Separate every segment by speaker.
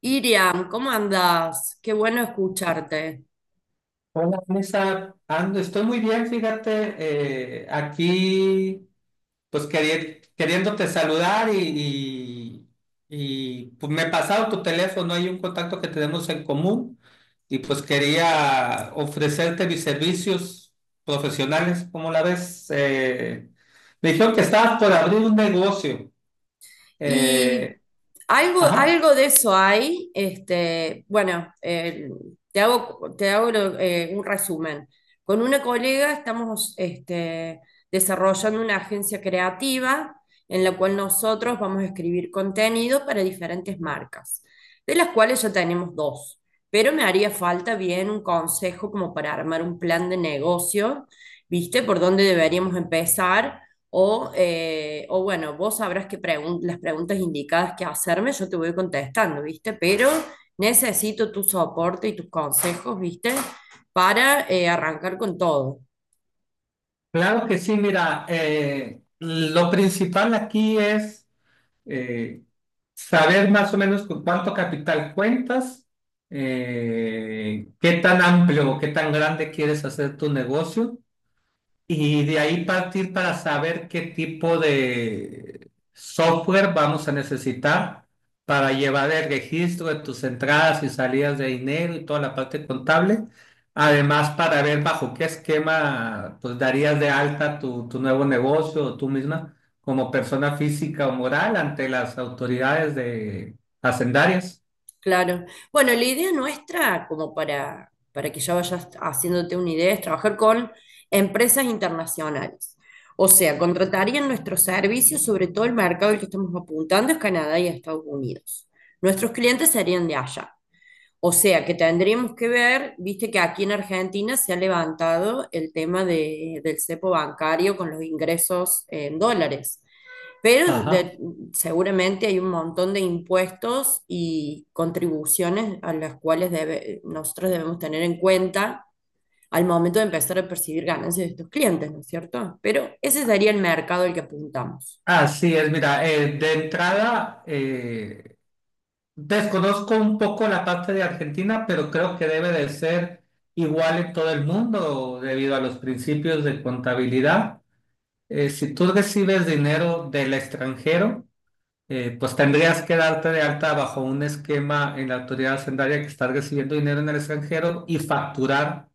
Speaker 1: Iriam, ¿cómo andás? Qué bueno escucharte.
Speaker 2: Hola, Vanessa. Ando, estoy muy bien, fíjate, aquí pues queriéndote saludar y, pues me he pasado tu teléfono, hay un contacto que tenemos en común y pues quería ofrecerte mis servicios profesionales, ¿cómo la ves? Me dijeron que estabas por abrir un negocio.
Speaker 1: Y
Speaker 2: Eh,
Speaker 1: algo,
Speaker 2: ajá,
Speaker 1: algo de eso hay. Bueno, te hago, te hago un resumen. Con una colega estamos desarrollando una agencia creativa en la cual nosotros vamos a escribir contenido para diferentes marcas, de las cuales ya tenemos dos. Pero me haría falta bien un consejo como para armar un plan de negocio, ¿viste? Por dónde deberíamos empezar o bueno, vos sabrás las preguntas indicadas que hacerme, yo te voy contestando, ¿viste? Pero necesito tu soporte y tus consejos, ¿viste? Para arrancar con todo.
Speaker 2: claro que sí, mira, lo principal aquí es... eh, saber más o menos con cuánto capital cuentas, qué tan amplio o qué tan grande quieres hacer tu negocio y de ahí partir para saber qué tipo de software vamos a necesitar para llevar el registro de tus entradas y salidas de dinero y toda la parte contable. Además, para ver bajo qué esquema pues darías de alta tu nuevo negocio o tú misma como persona física o moral ante las autoridades de hacendarias.
Speaker 1: Claro. Bueno, la idea nuestra, como para que ya vayas haciéndote una idea, es trabajar con empresas internacionales. O sea, contratarían nuestros servicios, sobre todo el mercado al que estamos apuntando es Canadá y Estados Unidos. Nuestros clientes serían de allá. O sea que tendríamos que ver, viste que aquí en Argentina se ha levantado el tema del cepo bancario con los ingresos en dólares, pero
Speaker 2: Ajá.
Speaker 1: seguramente hay un montón de impuestos y contribuciones a las cuales nosotros debemos tener en cuenta al momento de empezar a percibir ganancias de estos clientes, ¿no es cierto? Pero ese sería el mercado al que apuntamos.
Speaker 2: Así es, mira, de entrada, desconozco un poco la parte de Argentina, pero creo que debe de ser igual en todo el mundo debido a los principios de contabilidad. Si tú recibes dinero del extranjero, pues tendrías que darte de alta bajo un esquema en la autoridad hacendaria que estás recibiendo dinero en el extranjero y facturar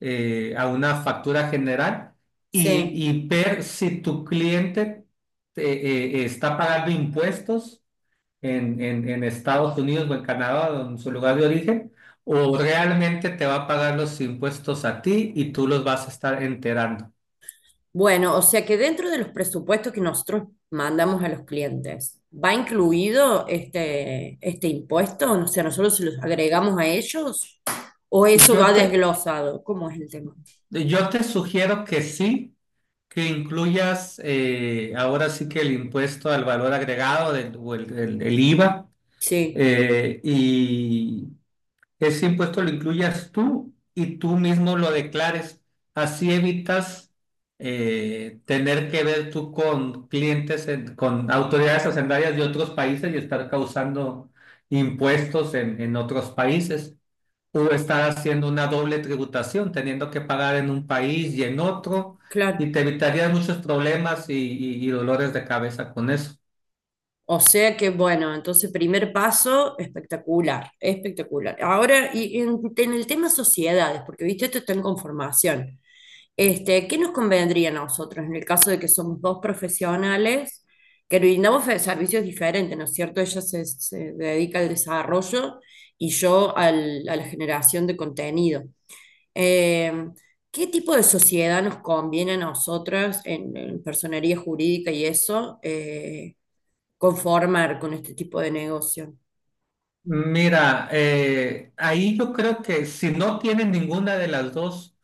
Speaker 2: a una factura general
Speaker 1: Sí.
Speaker 2: y ver si tu cliente eh, está pagando impuestos en Estados Unidos o en Canadá o en su lugar de origen, o realmente te va a pagar los impuestos a ti y tú los vas a estar enterando.
Speaker 1: Bueno, o sea que dentro de los presupuestos que nosotros mandamos a los clientes, ¿va incluido este impuesto? O sea, ¿nosotros se los agregamos a ellos o eso
Speaker 2: Yo
Speaker 1: va
Speaker 2: te,
Speaker 1: desglosado? ¿Cómo es el tema?
Speaker 2: yo te sugiero que sí, que incluyas ahora sí que el impuesto al valor agregado o el IVA
Speaker 1: Sí,
Speaker 2: eh, y, que ese impuesto lo incluyas tú y tú mismo lo declares. Así evitas tener que ver tú con clientes, con autoridades hacendarias de otros países y estar causando impuestos en otros países. O estar haciendo una doble tributación, teniendo que pagar en un país y en otro, y
Speaker 1: claro.
Speaker 2: te evitarías muchos problemas y dolores de cabeza con eso.
Speaker 1: O sea que, bueno, entonces primer paso, espectacular, espectacular. Ahora, y en el tema sociedades, porque viste, esto está en conformación. Este, ¿qué nos convendría a nosotros en el caso de que somos dos profesionales que brindamos servicios diferentes, ¿no es cierto? Ella se dedica al desarrollo y yo a la generación de contenido. Eh, ¿Qué tipo de sociedad nos conviene a nosotras en personería jurídica y eso? Conformar con este tipo de negocio.
Speaker 2: Mira, ahí yo creo que si no tienen ninguna de las dos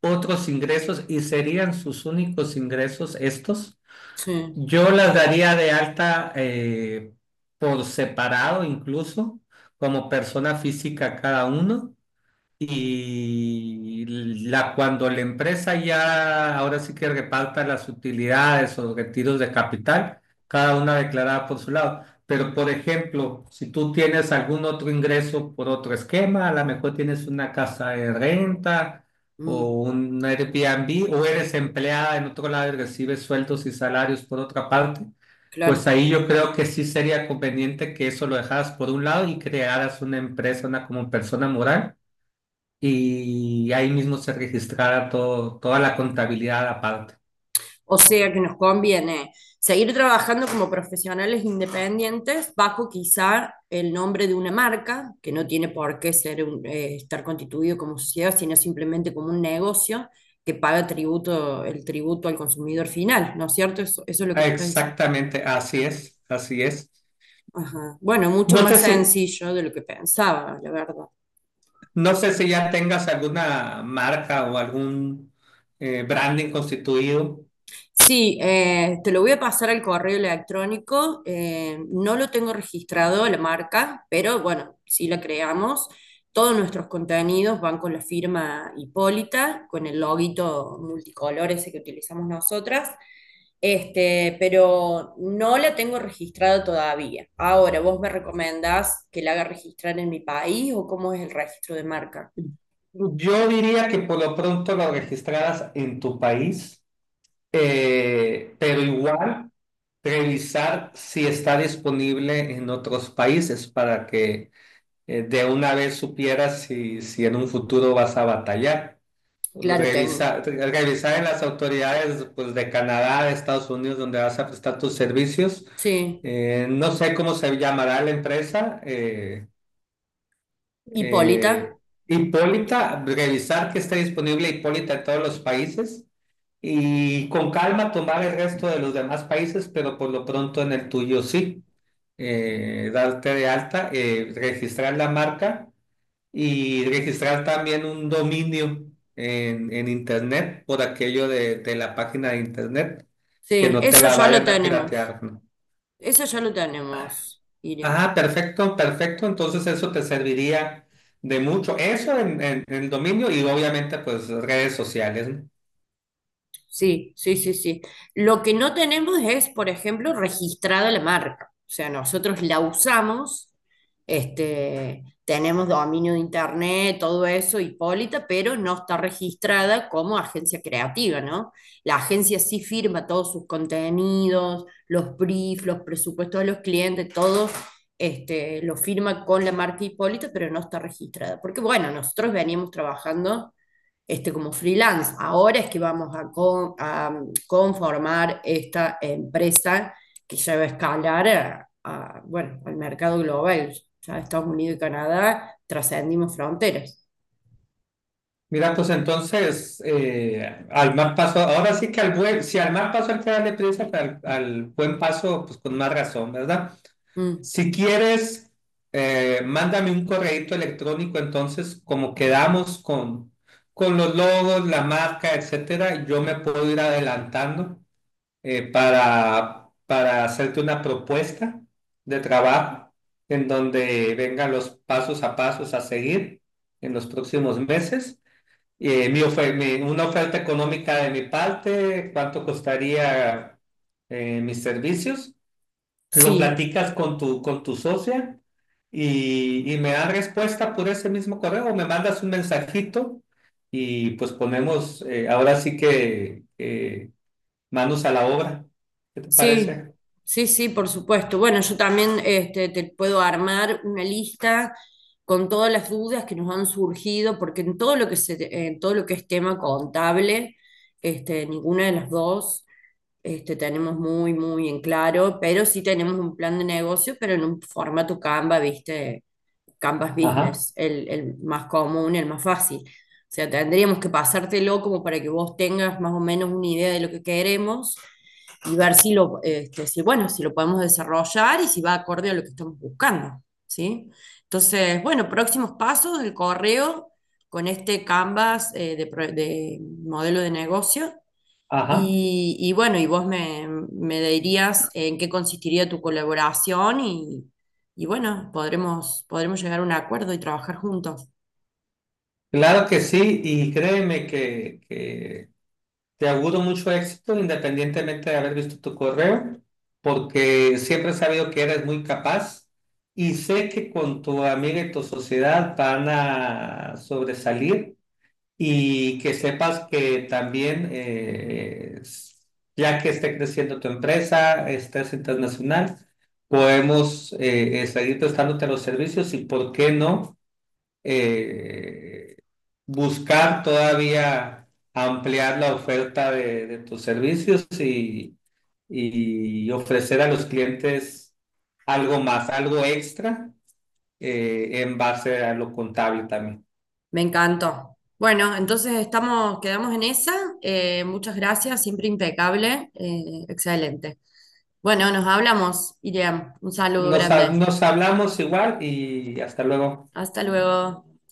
Speaker 2: otros ingresos y serían sus únicos ingresos estos,
Speaker 1: Sí,
Speaker 2: yo las daría de alta por separado incluso, como persona física cada uno. Y cuando la empresa ya ahora sí que reparta las utilidades o retiros de capital, cada una declarada por su lado. Pero, por ejemplo, si tú tienes algún otro ingreso por otro esquema, a lo mejor tienes una casa de renta
Speaker 1: mm,
Speaker 2: o un Airbnb o eres empleada en otro lado y recibes sueldos y salarios por otra parte, pues
Speaker 1: claro.
Speaker 2: ahí yo creo que sí sería conveniente que eso lo dejaras por un lado y crearas una empresa, una como persona moral y ahí mismo se registrara todo, toda la contabilidad aparte.
Speaker 1: O sea que nos conviene seguir trabajando como profesionales independientes bajo quizá el nombre de una marca, que no tiene por qué ser estar constituido como sociedad, sino simplemente como un negocio que paga tributo, el tributo al consumidor final, ¿no es cierto? Eso es lo que me estás diciendo.
Speaker 2: Exactamente, así es, así es.
Speaker 1: Ajá. Bueno, mucho
Speaker 2: No sé
Speaker 1: más
Speaker 2: si,
Speaker 1: sencillo de lo que pensaba, la verdad.
Speaker 2: no sé si ya tengas alguna marca o algún branding constituido.
Speaker 1: Sí, te lo voy a pasar al correo electrónico. No lo tengo registrado la marca, pero bueno, sí la creamos. Todos nuestros contenidos van con la firma Hipólita, con el loguito multicolor ese que utilizamos nosotras. Este, pero no la tengo registrada todavía. Ahora, ¿vos me recomendás que la haga registrar en mi país o cómo es el registro de marca?
Speaker 2: Yo diría que por lo pronto lo registraras en tu país, pero igual revisar si está disponible en otros países para que de una vez supieras si en un futuro vas a batallar.
Speaker 1: Claro, tengo.
Speaker 2: Revisar en las autoridades pues, de Canadá, de Estados Unidos, donde vas a prestar tus servicios.
Speaker 1: Sí.
Speaker 2: No sé cómo se llamará la empresa.
Speaker 1: Hipólita.
Speaker 2: Eh, Hipólita, revisar que esté disponible Hipólita en todos los países y con calma tomar el resto de los demás países, pero por lo pronto en el tuyo sí. Darte de alta, registrar la marca y registrar también un dominio en internet por aquello de la página de internet, que
Speaker 1: Sí,
Speaker 2: no te
Speaker 1: eso
Speaker 2: la
Speaker 1: ya lo
Speaker 2: vayan a
Speaker 1: tenemos.
Speaker 2: piratear, ¿no?
Speaker 1: Eso ya lo tenemos, Iriam.
Speaker 2: Ah, perfecto, perfecto. Entonces eso te serviría de mucho. Eso en el dominio y obviamente pues redes sociales, ¿no?
Speaker 1: Sí, sí, sí, sí. Lo que no tenemos es, por ejemplo, registrada la marca. O sea, nosotros la usamos, tenemos dominio de internet, todo eso, Hipólita, pero no está registrada como agencia creativa, ¿no? La agencia sí firma todos sus contenidos, los briefs, los presupuestos de los clientes, todo. Este, lo firma con la marca Hipólita, pero no está registrada. Porque bueno, nosotros veníamos trabajando como freelance. Ahora es que vamos a conformar esta empresa que se va a escalar a, bueno, al mercado global. Ya Estados Unidos y Canadá trascendimos fronteras.
Speaker 2: Mira, pues entonces, al más paso, ahora sí que al buen, si al mal paso hay que darle prisa, pues, al buen paso, pues con más razón, ¿verdad?
Speaker 1: Mm,
Speaker 2: Si quieres, mándame un correíto electrónico, entonces, como quedamos con los logos, la marca, etcétera, yo me puedo ir adelantando para hacerte una propuesta de trabajo en donde vengan los pasos a pasos a seguir en los próximos meses. Una oferta económica de mi parte, cuánto costaría mis servicios lo
Speaker 1: sí,
Speaker 2: platicas con tu socia y me da respuesta por ese mismo correo o me mandas un mensajito y pues ponemos, ahora sí que manos a la obra. ¿Qué te
Speaker 1: sí,
Speaker 2: parece?
Speaker 1: sí, sí, por supuesto. Bueno, yo también te puedo armar una lista con todas las dudas que nos han surgido, porque en todo lo que en todo lo que es tema contable, ninguna de las dos tenemos muy, muy en claro, pero sí tenemos un plan de negocio, pero en un formato Canva, ¿viste? Canvas
Speaker 2: Ajá,
Speaker 1: Business, el más común, el más fácil. O sea, tendríamos que pasártelo como para que vos tengas más o menos una idea de lo que queremos y ver si bueno, si lo podemos desarrollar y si va acorde a lo que estamos buscando, ¿sí? Entonces, bueno, próximos pasos, el correo con este Canvas de modelo de negocio.
Speaker 2: ajá.
Speaker 1: Y bueno, y me dirías en qué consistiría tu colaboración y bueno, podremos llegar a un acuerdo y trabajar juntos.
Speaker 2: Claro que sí y créeme que te auguro mucho éxito independientemente de haber visto tu correo, porque siempre he sabido que eres muy capaz y sé que con tu amiga y tu sociedad van a sobresalir y que sepas que también, ya que esté creciendo tu empresa, estés internacional, podemos seguir prestándote los servicios y, ¿por qué no? eh, Buscar todavía ampliar la oferta de tus servicios y ofrecer a los clientes algo más, algo extra en base a lo contable también.
Speaker 1: Me encantó. Bueno, entonces estamos, quedamos en esa. Muchas gracias, siempre impecable. Excelente. Bueno, nos hablamos, Iriam. Un saludo grande.
Speaker 2: Nos hablamos igual y hasta luego.
Speaker 1: Hasta luego.